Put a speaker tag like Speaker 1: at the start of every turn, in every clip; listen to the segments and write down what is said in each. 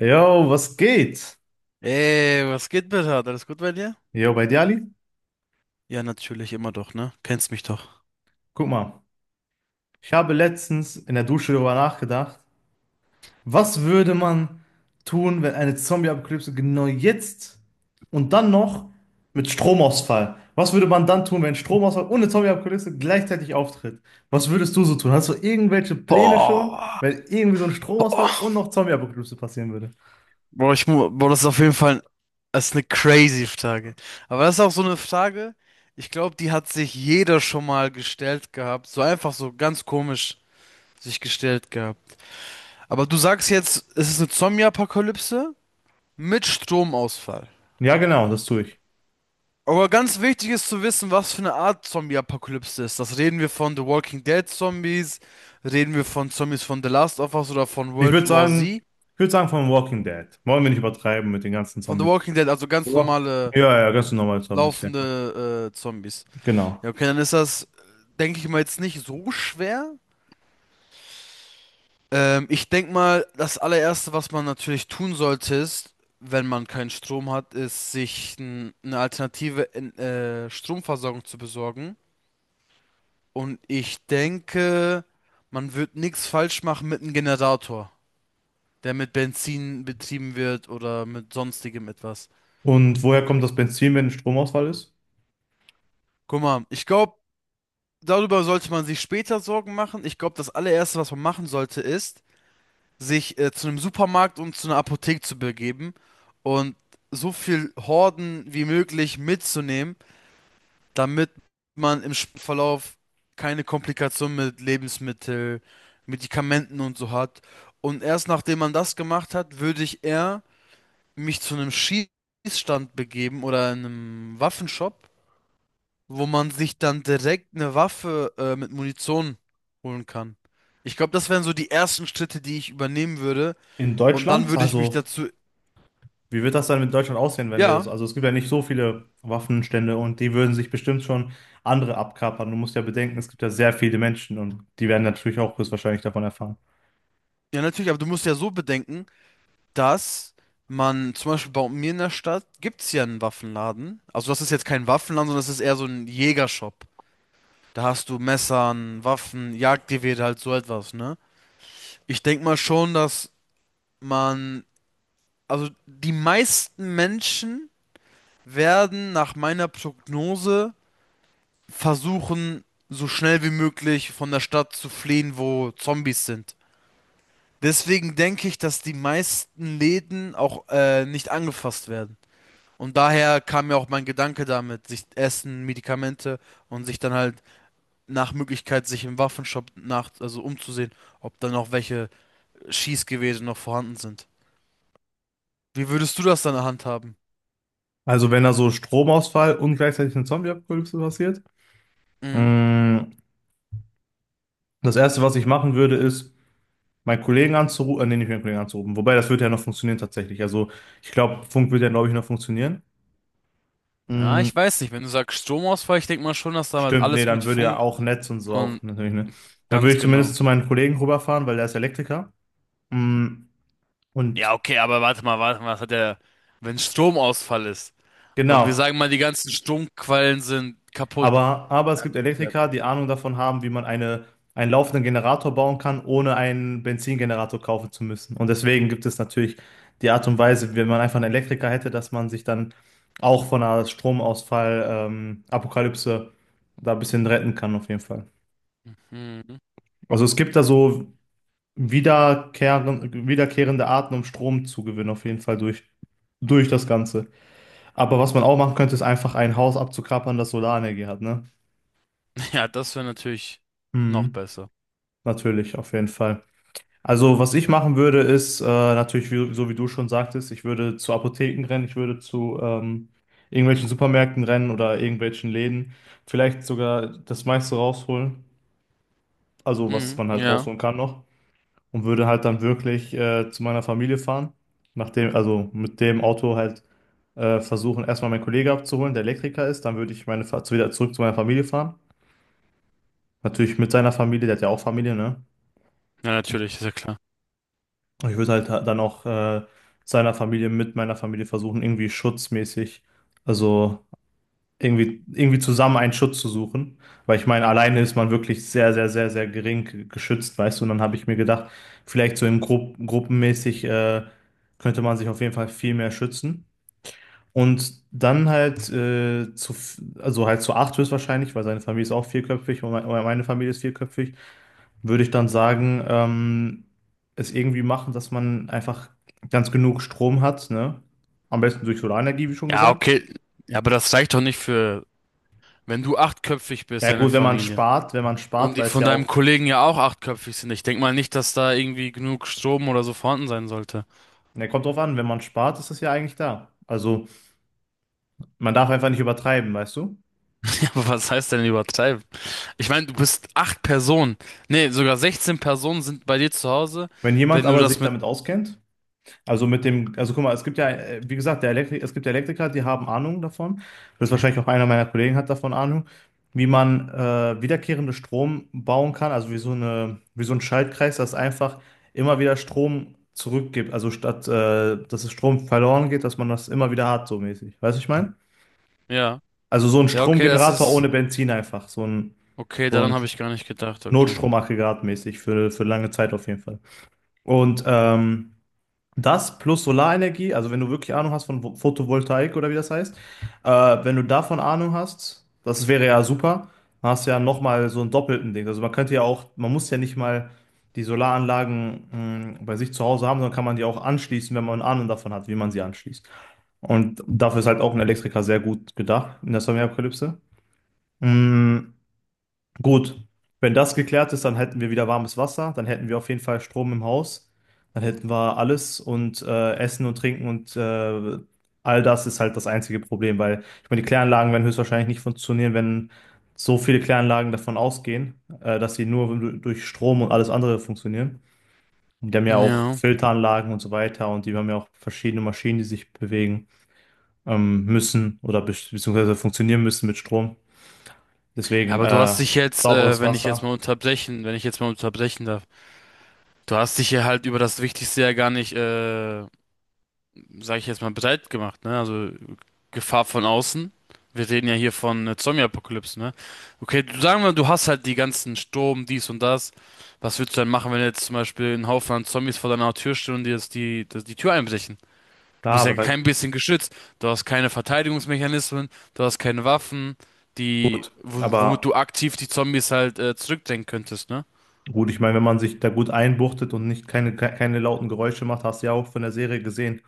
Speaker 1: Jo, was geht?
Speaker 2: Ey, was geht, Bernhard? Alles gut bei dir?
Speaker 1: Jo, bei dir, Ali?
Speaker 2: Ja, natürlich, immer doch, ne? Kennst mich doch.
Speaker 1: Guck mal, ich habe letztens in der Dusche darüber nachgedacht, was würde man tun, wenn eine Zombie-Apokalypse genau jetzt und dann noch mit Stromausfall? Was würde man dann tun, wenn Stromausfall und eine Zombie-Apokalypse gleichzeitig auftritt? Was würdest du so tun? Hast du irgendwelche Pläne schon,
Speaker 2: Boah,
Speaker 1: wenn irgendwie so ein Stromausfall
Speaker 2: boah.
Speaker 1: und noch Zombie-Apokalypse passieren würde?
Speaker 2: Boah, das ist auf jeden Fall das ist eine crazy Frage. Aber das ist auch so eine Frage, ich glaube, die hat sich jeder schon mal gestellt gehabt. So einfach so ganz komisch sich gestellt gehabt. Aber du sagst jetzt, es ist eine Zombie-Apokalypse mit Stromausfall.
Speaker 1: Ja, genau, das tue ich.
Speaker 2: Aber ganz wichtig ist zu wissen, was für eine Art Zombie-Apokalypse ist. Das reden wir von The Walking Dead Zombies, reden wir von Zombies von The Last of Us oder von
Speaker 1: Ich würde
Speaker 2: World War
Speaker 1: sagen,
Speaker 2: Z.
Speaker 1: ich würde sagen von Walking Dead. Wollen wir nicht übertreiben mit den ganzen
Speaker 2: Von The
Speaker 1: Zombies.
Speaker 2: Walking Dead, also ganz
Speaker 1: Ja,
Speaker 2: normale
Speaker 1: ja, ja, ganz normal so ein bisschen.
Speaker 2: laufende Zombies. Ja,
Speaker 1: Genau.
Speaker 2: okay, dann ist das, denke ich mal, jetzt nicht so schwer. Ich denke mal, das allererste, was man natürlich tun sollte, ist, wenn man keinen Strom hat, ist, eine alternative Stromversorgung zu besorgen. Und ich denke, man wird nichts falsch machen mit einem Generator, der mit Benzin betrieben wird oder mit sonstigem etwas.
Speaker 1: Und woher kommt das Benzin, wenn Stromausfall ist?
Speaker 2: Guck mal, ich glaube, darüber sollte man sich später Sorgen machen. Ich glaube, das allererste, was man machen sollte, ist, sich zu einem Supermarkt und zu einer Apotheke zu begeben und so viel Horden wie möglich mitzunehmen damit man im Verlauf keine Komplikationen mit Lebensmittel, Medikamenten und so hat. Und erst nachdem man das gemacht hat, würde ich eher mich zu einem Schießstand begeben oder einem Waffenshop, wo man sich dann direkt eine Waffe mit Munition holen kann. Ich glaube, das wären so die ersten Schritte, die ich übernehmen würde.
Speaker 1: In
Speaker 2: Und dann
Speaker 1: Deutschland?
Speaker 2: würde ich mich
Speaker 1: Also,
Speaker 2: dazu.
Speaker 1: wie wird das dann mit Deutschland aussehen, wenn wir das,
Speaker 2: Ja,
Speaker 1: also es gibt ja nicht so viele Waffenstände und die würden sich bestimmt schon andere abkapern. Du musst ja bedenken, es gibt ja sehr viele Menschen und die werden natürlich auch höchstwahrscheinlich davon erfahren.
Speaker 2: ja, natürlich, aber du musst ja so bedenken. Dass man zum Beispiel bei mir in der Stadt gibt es ja einen Waffenladen. Also das ist jetzt kein Waffenladen, sondern das ist eher so ein Jägershop. Da hast du Messern, Waffen, Jagdgewehre, halt so etwas, ne? Ich denke mal schon, dass man, also die meisten Menschen werden nach meiner Prognose versuchen, so schnell wie möglich von der Stadt zu fliehen, wo Zombies sind. Deswegen denke ich, dass die meisten Läden auch nicht angefasst werden. Und daher kam mir auch mein Gedanke damit, sich Essen, Medikamente und sich dann halt nach Möglichkeit sich im Waffenshop nach, also umzusehen, ob dann noch welche Schießgewehre noch vorhanden sind. Wie würdest du das dann handhaben?
Speaker 1: Also, wenn da so Stromausfall und gleichzeitig eine Zombie-Apokalypse passiert,
Speaker 2: Mhm.
Speaker 1: mh, das Erste, was ich machen würde, ist, meinen Kollegen anzurufen, nee, nicht meinen Kollegen anzurufen. Wobei, das würde ja noch funktionieren tatsächlich. Also, ich glaube, Funk würde ja, glaube ich, noch funktionieren.
Speaker 2: Ja,
Speaker 1: Mm,
Speaker 2: ich weiß nicht. Wenn du sagst Stromausfall, ich denke mal schon, dass da halt
Speaker 1: stimmt, nee,
Speaker 2: alles mit
Speaker 1: dann würde ja
Speaker 2: Funk
Speaker 1: auch Netz und so auch
Speaker 2: und
Speaker 1: natürlich, ne? Dann würde
Speaker 2: ganz
Speaker 1: ich zumindest
Speaker 2: genau.
Speaker 1: zu meinen Kollegen rüberfahren, weil der ist Elektriker. Mm, und
Speaker 2: Ja, okay, aber warte mal, was hat der, wenn Stromausfall ist und wir
Speaker 1: genau.
Speaker 2: sagen mal, die ganzen Stromquellen sind kaputt.
Speaker 1: Aber es
Speaker 2: Ja,
Speaker 1: gibt
Speaker 2: ja.
Speaker 1: Elektriker, die Ahnung davon haben, wie man eine, einen laufenden Generator bauen kann, ohne einen Benzingenerator kaufen zu müssen. Und deswegen gibt es natürlich die Art und Weise, wenn man einfach einen Elektriker hätte, dass man sich dann auch von einer Stromausfall, Apokalypse da ein bisschen retten kann, auf jeden Fall.
Speaker 2: Mhm.
Speaker 1: Also es gibt da so wiederkehrende Arten, um Strom zu gewinnen, auf jeden Fall durch, durch das Ganze. Aber was man auch machen könnte, ist einfach ein Haus abzuklappern, das Solarenergie hat, ne?
Speaker 2: Ja, das wäre natürlich noch
Speaker 1: Mhm.
Speaker 2: besser.
Speaker 1: Natürlich, auf jeden Fall. Also, was ich machen würde, ist natürlich, wie, so wie du schon sagtest, ich würde zu Apotheken rennen, ich würde zu irgendwelchen Supermärkten rennen oder irgendwelchen Läden, vielleicht sogar das meiste rausholen, also was
Speaker 2: Mhm.
Speaker 1: man halt
Speaker 2: Ja.
Speaker 1: rausholen kann noch, und würde halt dann wirklich zu meiner Familie fahren, nachdem, also mit dem Auto halt versuchen, erstmal meinen Kollege abzuholen, der Elektriker ist, dann würde ich wieder zurück zu meiner Familie fahren. Natürlich mit seiner Familie, der hat ja auch Familie, ne?
Speaker 2: Ja, natürlich, ist ja klar.
Speaker 1: Ich würde halt dann auch seiner Familie mit meiner Familie versuchen, irgendwie schutzmäßig, also irgendwie, irgendwie zusammen einen Schutz zu suchen. Weil ich meine, alleine ist man wirklich sehr, sehr, sehr, sehr geschützt, weißt du. Und dann habe ich mir gedacht, vielleicht so in gruppenmäßig könnte man sich auf jeden Fall viel mehr schützen. Und dann halt also halt zu acht höchstwahrscheinlich, weil seine Familie ist auch vierköpfig und mein- oder meine Familie ist vierköpfig, würde ich dann sagen, es irgendwie machen, dass man einfach ganz genug Strom hat, ne? Am besten durch Solarenergie, wie schon
Speaker 2: Ja,
Speaker 1: gesagt.
Speaker 2: okay. Ja, aber das reicht doch nicht für, wenn du 8-köpfig bist,
Speaker 1: Ja
Speaker 2: deine
Speaker 1: gut,
Speaker 2: Familie.
Speaker 1: wenn man spart,
Speaker 2: Und die
Speaker 1: weil es
Speaker 2: von
Speaker 1: ja
Speaker 2: deinem
Speaker 1: auch,
Speaker 2: Kollegen ja auch 8-köpfig sind. Ich denk mal nicht, dass da irgendwie genug Strom oder so vorhanden sein sollte.
Speaker 1: ne, kommt drauf an, wenn man spart, ist es ja eigentlich da. Also man darf einfach nicht übertreiben, weißt du?
Speaker 2: Ja, aber was heißt denn übertreiben? Ich meine, du bist 8 Personen. Nee, sogar 16 Personen sind bei dir zu Hause,
Speaker 1: Wenn jemand
Speaker 2: wenn du
Speaker 1: aber
Speaker 2: das
Speaker 1: sich
Speaker 2: mit.
Speaker 1: damit auskennt, also mit dem, also guck mal, es gibt ja, wie gesagt, der Elektri es gibt Elektriker, die haben Ahnung davon. Das ist wahrscheinlich auch einer meiner Kollegen hat davon Ahnung, wie man wiederkehrende Strom bauen kann, also wie so eine, wie so ein Schaltkreis, das einfach immer wieder Strom zurückgibt. Also statt, dass es Strom verloren geht, dass man das immer wieder hat, so mäßig. Weißt du, was ich meine?
Speaker 2: Ja.
Speaker 1: Also so ein
Speaker 2: Ja, okay, das
Speaker 1: Stromgenerator ohne
Speaker 2: ist.
Speaker 1: Benzin einfach,
Speaker 2: Okay,
Speaker 1: so
Speaker 2: daran
Speaker 1: ein
Speaker 2: habe ich gar nicht gedacht, okay.
Speaker 1: Notstromaggregat mäßig für lange Zeit auf jeden Fall. Und das plus Solarenergie, also wenn du wirklich Ahnung hast von Photovoltaik oder wie das heißt, äh, wenn du davon Ahnung hast, das wäre ja super, dann hast du ja nochmal so einen doppelten Ding. Also man könnte ja auch, man muss ja nicht mal die Solaranlagen bei sich zu Hause haben, sondern kann man die auch anschließen, wenn man Ahnung davon hat, wie man sie anschließt. Und dafür ist halt auch ein Elektriker sehr gut gedacht in der Sonnenmilchapokalypse. Gut, wenn das geklärt ist, dann hätten wir wieder warmes Wasser, dann hätten wir auf jeden Fall Strom im Haus, dann hätten wir alles und Essen und Trinken und all das ist halt das einzige Problem, weil ich meine, die Kläranlagen werden höchstwahrscheinlich nicht funktionieren, wenn so viele Kläranlagen davon ausgehen, dass sie durch Strom und alles andere funktionieren. Und die haben ja auch
Speaker 2: Ja.
Speaker 1: Filteranlagen und so weiter und die haben ja auch verschiedene Maschinen, die sich bewegen müssen oder beziehungsweise funktionieren müssen mit Strom.
Speaker 2: Ja,
Speaker 1: Deswegen
Speaker 2: aber du hast dich jetzt,
Speaker 1: sauberes
Speaker 2: wenn ich jetzt
Speaker 1: Wasser.
Speaker 2: mal unterbrechen, wenn ich jetzt mal unterbrechen darf. Du hast dich hier halt über das Wichtigste ja gar nicht, sag ich jetzt mal, breit gemacht, ne? Also Gefahr von außen. Wir reden ja hier von Zombie-Apokalypse, ne? Okay, du sagen wir, du hast halt die ganzen Sturm, dies und das. Was würdest du dann machen, wenn jetzt zum Beispiel ein Haufen an Zombies vor deiner Tür stehen und dir jetzt die Tür einbrechen? Du
Speaker 1: Ja,
Speaker 2: bist ja
Speaker 1: aber da
Speaker 2: kein bisschen geschützt. Du hast keine Verteidigungsmechanismen, du hast keine Waffen,
Speaker 1: gut,
Speaker 2: womit
Speaker 1: aber
Speaker 2: du aktiv die Zombies halt zurückdrängen könntest, ne?
Speaker 1: gut, ich meine, wenn man sich da gut einbuchtet und nicht keine, keine lauten Geräusche macht, hast du ja auch von der Serie gesehen,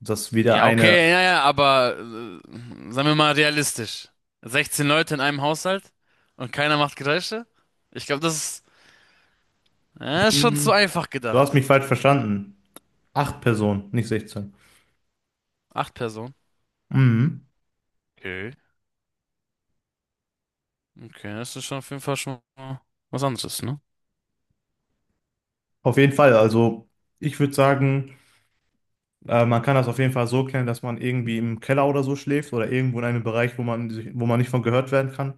Speaker 1: dass wieder
Speaker 2: Ja,
Speaker 1: eine.
Speaker 2: okay, ja, ja, aber sagen wir mal realistisch. 16 Leute in einem Haushalt und keiner macht Geräusche? Ich glaube, ist schon zu
Speaker 1: Mhm.
Speaker 2: einfach
Speaker 1: Du hast mich
Speaker 2: gedacht.
Speaker 1: falsch verstanden. Acht Personen, nicht 16.
Speaker 2: Acht Personen.
Speaker 1: Mhm.
Speaker 2: Okay. Okay, das ist schon auf jeden Fall schon mal was anderes, ne?
Speaker 1: Auf jeden Fall, also ich würde sagen, man kann das auf jeden Fall so klären, dass man irgendwie im Keller oder so schläft oder irgendwo in einem Bereich, wo man sich, wo man nicht von gehört werden kann,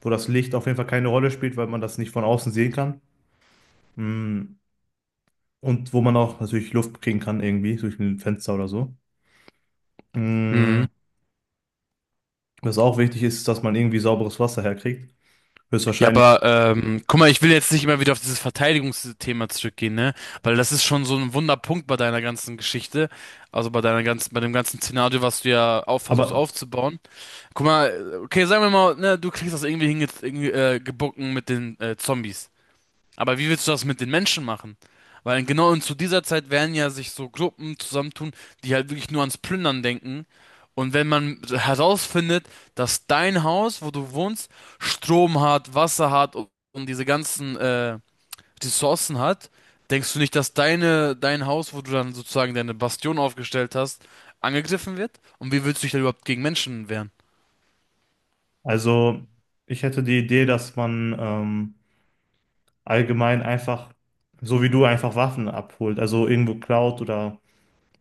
Speaker 1: wo das Licht auf jeden Fall keine Rolle spielt, weil man das nicht von außen sehen kann. Mhm. Und wo man auch natürlich Luft kriegen kann, irgendwie durch ein Fenster oder so.
Speaker 2: Hm.
Speaker 1: Mm, was auch wichtig ist, ist, dass man irgendwie sauberes Wasser herkriegt.
Speaker 2: Ja,
Speaker 1: Höchstwahrscheinlich.
Speaker 2: aber guck mal, ich will jetzt nicht immer wieder auf dieses Verteidigungsthema zurückgehen, ne? Weil das ist schon so ein Wunderpunkt bei deiner ganzen Geschichte, also bei bei dem ganzen Szenario, was du ja auch versuchst
Speaker 1: Aber
Speaker 2: aufzubauen. Guck mal, okay, sagen wir mal, ne, du kriegst das irgendwie gebacken mit den Zombies. Aber wie willst du das mit den Menschen machen? Weil genau und zu dieser Zeit werden ja sich so Gruppen zusammentun, die halt wirklich nur ans Plündern denken. Und wenn man herausfindet, dass dein Haus, wo du wohnst, Strom hat, Wasser hat und diese ganzen Ressourcen hat, denkst du nicht, dass dein Haus, wo du dann sozusagen deine Bastion aufgestellt hast, angegriffen wird? Und wie willst du dich da überhaupt gegen Menschen wehren?
Speaker 1: also, ich hätte die Idee, dass man allgemein einfach, so wie du, einfach Waffen abholt. Also irgendwo klaut oder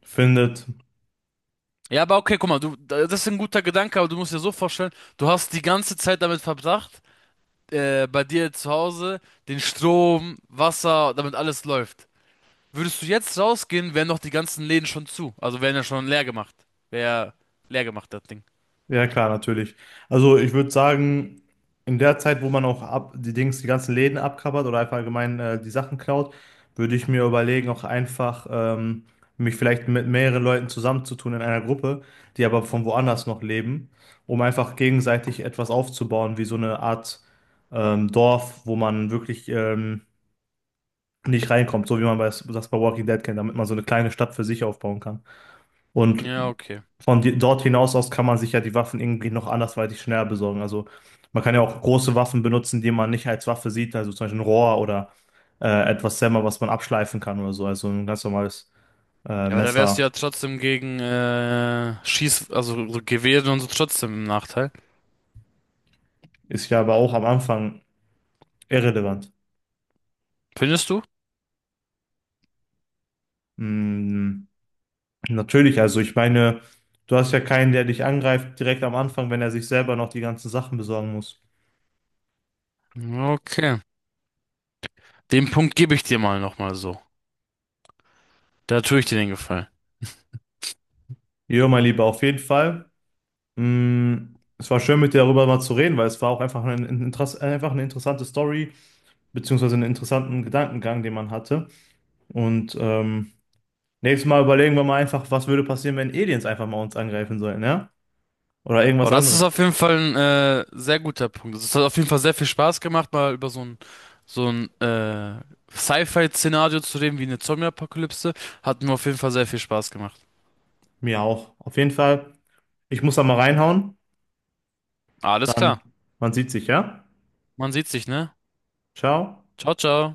Speaker 1: findet.
Speaker 2: Ja, aber okay, guck mal, das ist ein guter Gedanke, aber du musst dir so vorstellen, du hast die ganze Zeit damit verbracht, bei dir zu Hause, den Strom, Wasser, damit alles läuft. Würdest du jetzt rausgehen, wären doch die ganzen Läden schon zu. Also wären ja schon leer gemacht. Wäre leer gemacht, das Ding.
Speaker 1: Ja, klar, natürlich. Also ich würde sagen, in der Zeit, wo man auch die Dings, die ganzen Läden abkappert oder einfach allgemein die Sachen klaut, würde ich mir überlegen, auch einfach mich vielleicht mit mehreren Leuten zusammenzutun in einer Gruppe, die aber von woanders noch leben, um einfach gegenseitig etwas aufzubauen, wie so eine Art Dorf, wo man wirklich nicht reinkommt, so wie man bei, das bei Walking Dead kennt, damit man so eine kleine Stadt für sich aufbauen kann. Und
Speaker 2: Ja, okay.
Speaker 1: von dort hinaus aus kann man sich ja die Waffen irgendwie noch andersweitig schneller besorgen. Also man kann ja auch große Waffen benutzen, die man nicht als Waffe sieht, also zum Beispiel ein Rohr oder etwas Sämmer, was man abschleifen kann oder so. Also ein ganz normales
Speaker 2: Ja, aber da wärst du
Speaker 1: Messer
Speaker 2: ja trotzdem gegen also so Gewehre und so trotzdem im Nachteil.
Speaker 1: ist ja aber auch am Anfang irrelevant.
Speaker 2: Findest du?
Speaker 1: Mm, natürlich, also ich meine, du hast ja keinen, der dich angreift direkt am Anfang, wenn er sich selber noch die ganzen Sachen besorgen muss.
Speaker 2: Okay. Den Punkt gebe ich dir mal nochmal so. Da tue ich dir den Gefallen.
Speaker 1: Jo, mein Lieber, auf jeden Fall. Mm, es war schön, mit dir darüber mal zu reden, weil es war auch einfach ein einfach eine interessante Story, beziehungsweise einen interessanten Gedankengang, den man hatte. Und nächstes Mal überlegen wir mal einfach, was würde passieren, wenn Aliens einfach mal uns angreifen sollen, ja? Oder
Speaker 2: Aber
Speaker 1: irgendwas
Speaker 2: das
Speaker 1: anderes.
Speaker 2: ist auf jeden Fall ein sehr guter Punkt. Es hat auf jeden Fall sehr viel Spaß gemacht, mal über so ein Sci-Fi-Szenario zu reden, wie eine Zombie-Apokalypse. Hat mir auf jeden Fall sehr viel Spaß gemacht.
Speaker 1: Mir auch. Auf jeden Fall, ich muss da mal reinhauen.
Speaker 2: Alles
Speaker 1: Dann,
Speaker 2: klar.
Speaker 1: man sieht sich, ja?
Speaker 2: Man sieht sich, ne?
Speaker 1: Ciao.
Speaker 2: Ciao, ciao.